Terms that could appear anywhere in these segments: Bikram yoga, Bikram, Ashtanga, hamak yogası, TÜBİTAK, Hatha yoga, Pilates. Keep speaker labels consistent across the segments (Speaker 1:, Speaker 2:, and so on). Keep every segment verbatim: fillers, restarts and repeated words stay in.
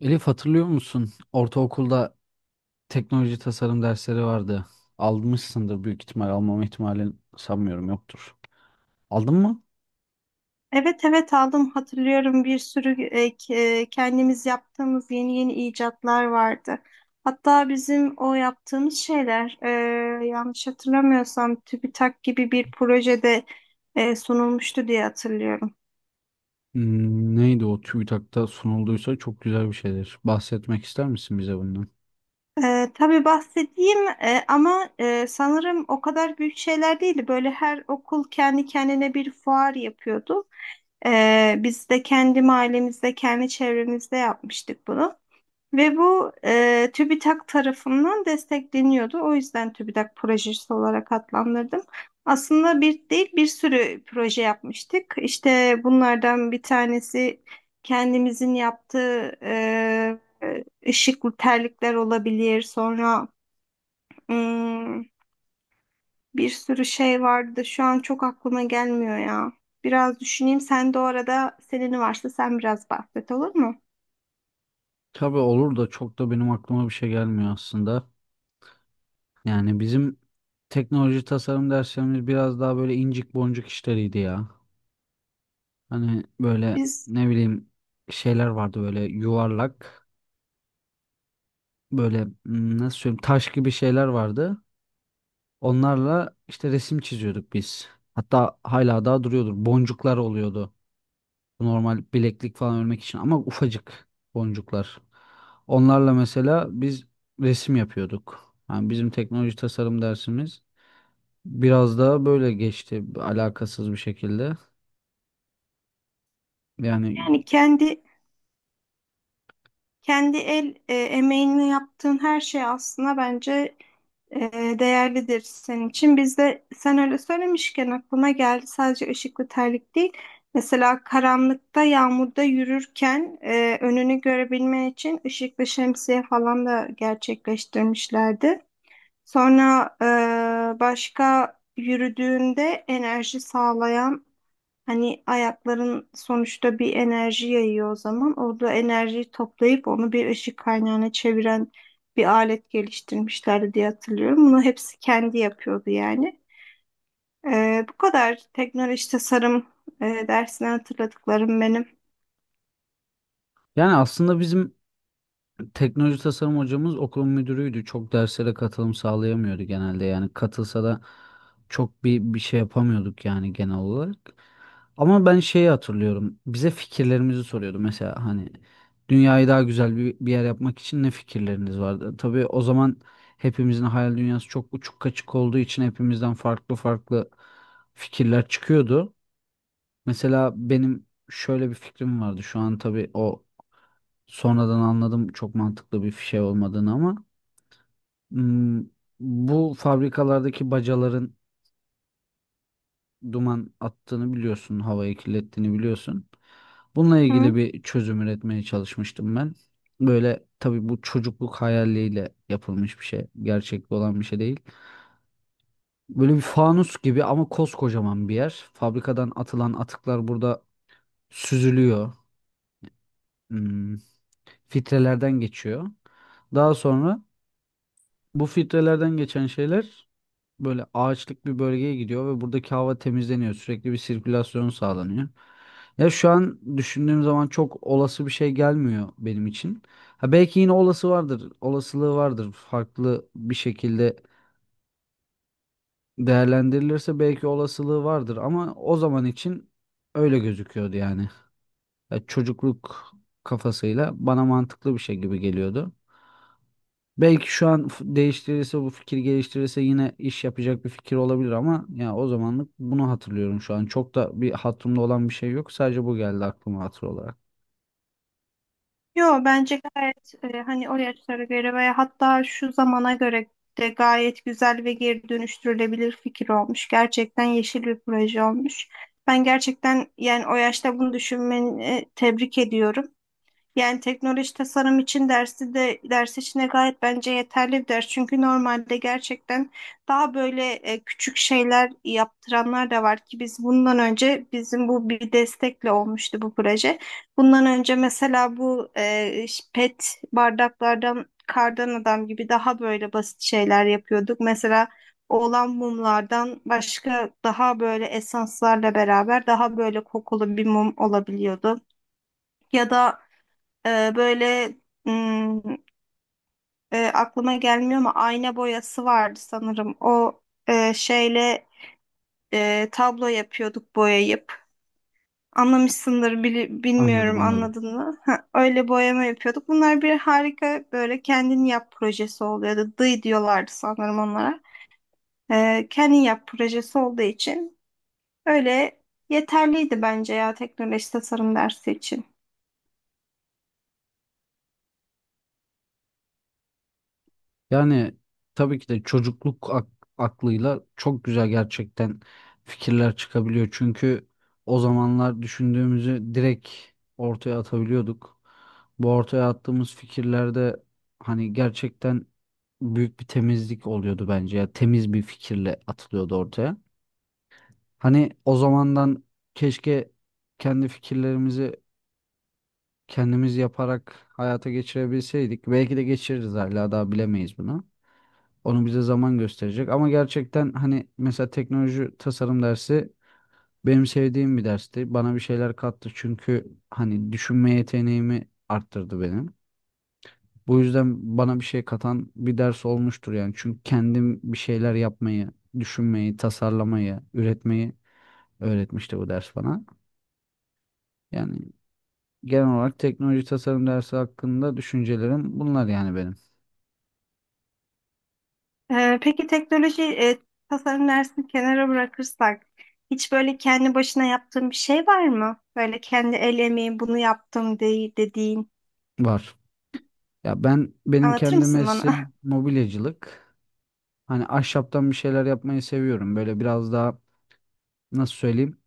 Speaker 1: Elif, hatırlıyor musun? Ortaokulda teknoloji tasarım dersleri vardı. Almışsındır büyük ihtimal. Almama ihtimalin, sanmıyorum, yoktur. Aldın mı?
Speaker 2: Evet, evet, aldım, hatırlıyorum. Bir sürü e, k- e, kendimiz yaptığımız yeni yeni icatlar vardı. Hatta bizim o yaptığımız şeyler, e, yanlış hatırlamıyorsam, TÜBİTAK gibi bir projede e, sunulmuştu diye hatırlıyorum.
Speaker 1: Hmm, Neydi o? TÜBİTAK'ta sunulduysa çok güzel bir şeydir. Bahsetmek ister misin bize bundan?
Speaker 2: E, tabii, bahsedeyim, e, ama e, sanırım o kadar büyük şeyler değildi. Böyle her okul kendi kendine bir fuar yapıyordu. E, biz de kendi mahallemizde, kendi çevremizde yapmıştık bunu. Ve bu e, TÜBİTAK tarafından destekleniyordu. O yüzden TÜBİTAK projesi olarak adlandırdım. Aslında bir değil, bir sürü proje yapmıştık. İşte bunlardan bir tanesi kendimizin yaptığı e, ışıklı terlikler olabilir. Sonra hmm, bir sürü şey vardı. Şu an çok aklıma gelmiyor ya. Biraz düşüneyim. Sen de o arada, senin varsa sen biraz bahset, olur mu?
Speaker 1: Tabii olur da çok da benim aklıma bir şey gelmiyor aslında. Yani bizim teknoloji tasarım derslerimiz biraz daha böyle incik boncuk işleriydi ya. Hani böyle,
Speaker 2: Biz
Speaker 1: ne bileyim, şeyler vardı böyle yuvarlak, böyle, hmm, nasıl söyleyeyim, taş gibi şeyler vardı. Onlarla işte resim çiziyorduk biz. Hatta hala daha duruyordur. Boncuklar oluyordu. Normal bileklik falan örmek için ama ufacık boncuklar. Onlarla mesela biz resim yapıyorduk. Yani bizim teknoloji tasarım dersimiz biraz daha böyle geçti, alakasız bir şekilde. Yani
Speaker 2: yani kendi Kendi el e, emeğini yaptığın her şey aslında bence e, değerlidir senin için. Bizde, sen öyle söylemişken aklıma geldi, sadece ışıklı ve terlik değil. Mesela karanlıkta, yağmurda yürürken e, önünü görebilmen için ışıklı şemsiye falan da gerçekleştirmişlerdi. Sonra e, başka, yürüdüğünde enerji sağlayan... Hani ayakların sonuçta bir enerji yayıyor o zaman. Orada enerjiyi toplayıp onu bir ışık kaynağına çeviren bir alet geliştirmişlerdi diye hatırlıyorum. Bunu hepsi kendi yapıyordu yani. Ee, bu kadar teknoloji tasarım e, dersinden hatırladıklarım benim.
Speaker 1: yani aslında bizim teknoloji tasarım hocamız okul müdürüydü. Çok derslere katılım sağlayamıyordu genelde. Yani katılsa da çok bir bir şey yapamıyorduk yani, genel olarak. Ama ben şeyi hatırlıyorum. Bize fikirlerimizi soruyordu. Mesela hani, dünyayı daha güzel bir, bir yer yapmak için ne fikirleriniz vardı? Tabii o zaman hepimizin hayal dünyası çok uçuk kaçık olduğu için hepimizden farklı farklı fikirler çıkıyordu. Mesela benim şöyle bir fikrim vardı. Şu an tabii o Sonradan anladım çok mantıklı bir şey olmadığını ama hmm, bu fabrikalardaki bacaların duman attığını biliyorsun, havayı kirlettiğini biliyorsun. Bununla ilgili
Speaker 2: Hı.
Speaker 1: bir çözüm üretmeye çalışmıştım ben. Böyle, tabii, bu çocukluk hayaliyle yapılmış bir şey, gerçekte olan bir şey değil. Böyle bir fanus gibi ama koskocaman bir yer. Fabrikadan atılan atıklar burada süzülüyor, hmm, filtrelerden geçiyor. Daha sonra bu filtrelerden geçen şeyler böyle ağaçlık bir bölgeye gidiyor ve buradaki hava temizleniyor. Sürekli bir sirkülasyon sağlanıyor. Ya şu an düşündüğüm zaman çok olası bir şey gelmiyor benim için. Ha, belki yine olası vardır, olasılığı vardır. Farklı bir şekilde değerlendirilirse belki olasılığı vardır ama o zaman için öyle gözüküyordu yani. Ya, çocukluk kafasıyla bana mantıklı bir şey gibi geliyordu. Belki şu an f- değiştirirse bu fikir, geliştirirse, yine iş yapacak bir fikir olabilir ama ya, o zamanlık bunu hatırlıyorum şu an. Çok da bir hatırımda olan bir şey yok. Sadece bu geldi aklıma hatır olarak.
Speaker 2: Yo, bence gayet, e, hani, o yaşlara göre veya hatta şu zamana göre de gayet güzel ve geri dönüştürülebilir fikir olmuş. Gerçekten yeşil bir proje olmuş. Ben gerçekten, yani o yaşta bunu düşünmeni e, tebrik ediyorum. Yani teknoloji tasarım için dersi de, ders içine gayet bence yeterli bir ders. Çünkü normalde gerçekten daha böyle e, küçük şeyler yaptıranlar da var ki biz, bundan önce bizim bu bir destekle olmuştu bu proje. Bundan önce mesela bu e, ş- pet bardaklardan kardan adam gibi daha böyle basit şeyler yapıyorduk. Mesela oğlan mumlardan başka, daha böyle esanslarla beraber, daha böyle kokulu bir mum olabiliyordu. Ya da ee, böyle hmm, e, aklıma gelmiyor ama ayna boyası vardı sanırım. O e, şeyle e, tablo yapıyorduk boyayıp. Anlamışsındır, bili-
Speaker 1: Anladım,
Speaker 2: bilmiyorum,
Speaker 1: anladım.
Speaker 2: anladın mı? Ha, öyle boyama yapıyorduk. Bunlar bir harika, böyle kendin yap projesi oluyordu. Dıy diyorlardı sanırım onlara. Ee, kendin yap projesi olduğu için öyle yeterliydi bence ya, teknoloji tasarım dersi için.
Speaker 1: Yani tabii ki de çocukluk ak- aklıyla çok güzel gerçekten fikirler çıkabiliyor. Çünkü o zamanlar düşündüğümüzü direkt ortaya atabiliyorduk. Bu ortaya attığımız fikirlerde hani gerçekten büyük bir temizlik oluyordu bence. Ya, temiz bir fikirle atılıyordu ortaya. Hani o zamandan keşke kendi fikirlerimizi kendimiz yaparak hayata geçirebilseydik. Belki de geçiririz, hala daha bilemeyiz bunu. Onu bize zaman gösterecek. Ama gerçekten hani mesela teknoloji tasarım dersi benim sevdiğim bir dersti. Bana bir şeyler kattı çünkü hani düşünme yeteneğimi arttırdı benim. Bu yüzden bana bir şey katan bir ders olmuştur yani. Çünkü kendim bir şeyler yapmayı, düşünmeyi, tasarlamayı, üretmeyi öğretmişti bu ders bana. Yani genel olarak teknoloji tasarım dersi hakkında düşüncelerim bunlar yani benim.
Speaker 2: Ee, peki, teknoloji e, tasarım dersini kenara bırakırsak, hiç böyle kendi başına yaptığın bir şey var mı? Böyle kendi el emeği, "bunu yaptım" de dediğin.
Speaker 1: Var. Ya ben, benim
Speaker 2: Anlatır
Speaker 1: kendi
Speaker 2: mısın bana?
Speaker 1: mesleğim mobilyacılık. Hani ahşaptan bir şeyler yapmayı seviyorum. Böyle biraz daha, nasıl söyleyeyim,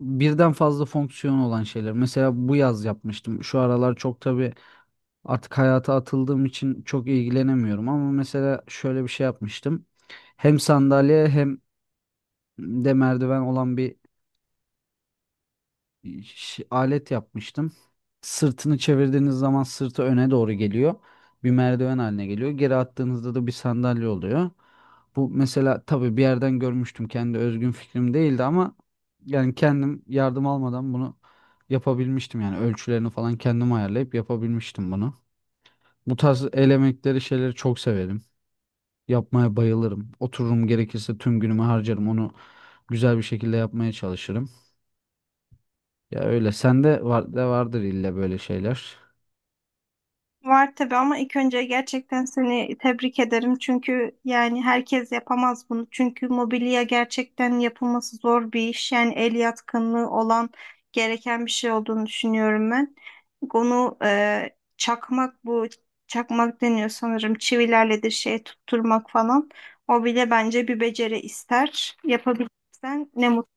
Speaker 1: birden fazla fonksiyon olan şeyler. Mesela bu yaz yapmıştım. Şu aralar çok tabii artık hayata atıldığım için çok ilgilenemiyorum. Ama mesela şöyle bir şey yapmıştım. Hem sandalye hem de merdiven olan bir ş- alet yapmıştım. Sırtını çevirdiğiniz zaman sırtı öne doğru geliyor. Bir merdiven haline geliyor. Geri attığınızda da bir sandalye oluyor. Bu mesela tabii bir yerden görmüştüm. Kendi özgün fikrim değildi ama yani kendim, yardım almadan, bunu yapabilmiştim. Yani ölçülerini falan kendim ayarlayıp yapabilmiştim bunu. Bu tarz el emekleri şeyleri çok severim. Yapmaya bayılırım. Otururum, gerekirse tüm günümü harcarım. Onu güzel bir şekilde yapmaya çalışırım. Ya, öyle. Sende var de, vardır illa böyle şeyler.
Speaker 2: Var tabii, ama ilk önce gerçekten seni tebrik ederim. Çünkü yani herkes yapamaz bunu. Çünkü mobilya gerçekten yapılması zor bir iş. Yani el yatkınlığı olan, gereken bir şey olduğunu düşünüyorum ben. Onu e, çakmak, bu çakmak deniyor sanırım, çivilerle de şey, tutturmak falan. O bile bence bir beceri ister. Yapabilirsen ne mutlu.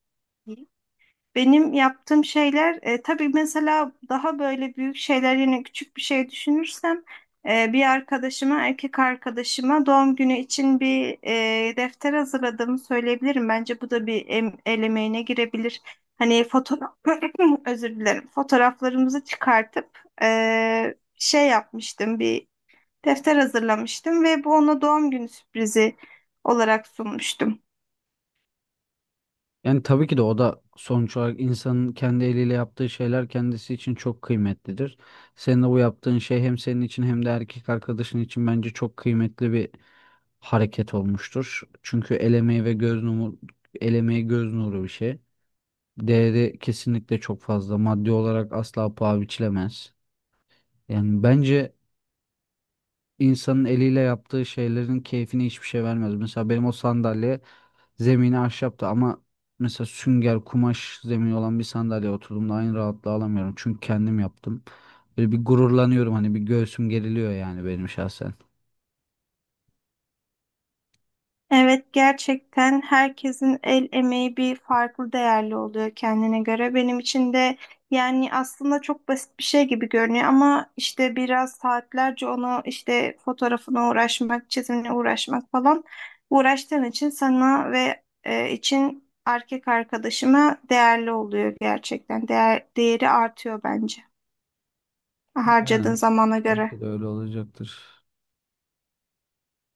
Speaker 2: Benim yaptığım şeyler e, tabii, mesela daha böyle büyük şeyler... Yine küçük bir şey düşünürsem, e, bir arkadaşıma, erkek arkadaşıma doğum günü için bir e, defter hazırladığımı söyleyebilirim. Bence bu da bir em, el emeğine girebilir. Hani fotoğraf özür dilerim, fotoğraflarımızı çıkartıp e, şey yapmıştım, bir defter hazırlamıştım ve bu ona doğum günü sürprizi olarak sunmuştum.
Speaker 1: Yani tabii ki de o da sonuç olarak insanın kendi eliyle yaptığı şeyler kendisi için çok kıymetlidir. Senin de bu yaptığın şey hem senin için hem de erkek arkadaşın için bence çok kıymetli bir hareket olmuştur. Çünkü el emeği ve göz nuru, el emeği göz nuru bir şey. Değeri kesinlikle çok fazla. Maddi olarak asla paha biçilemez. Yani bence insanın eliyle yaptığı şeylerin keyfini hiçbir şey vermez. Mesela benim o sandalye zemini ahşaptı ama mesela sünger, kumaş zemini olan bir sandalyeye oturduğumda aynı rahatlığı alamıyorum. Çünkü kendim yaptım. Böyle bir gururlanıyorum hani, bir göğsüm geriliyor yani, benim şahsen.
Speaker 2: Evet, gerçekten herkesin el emeği bir farklı değerli oluyor kendine göre. Benim için de yani aslında çok basit bir şey gibi görünüyor ama işte biraz saatlerce onu, işte fotoğrafına uğraşmak, çizimine uğraşmak falan uğraştığın için sana ve e, için erkek arkadaşıma değerli oluyor gerçekten. Değer, değeri artıyor bence harcadığın
Speaker 1: Yani
Speaker 2: zamana göre.
Speaker 1: belki de öyle olacaktır.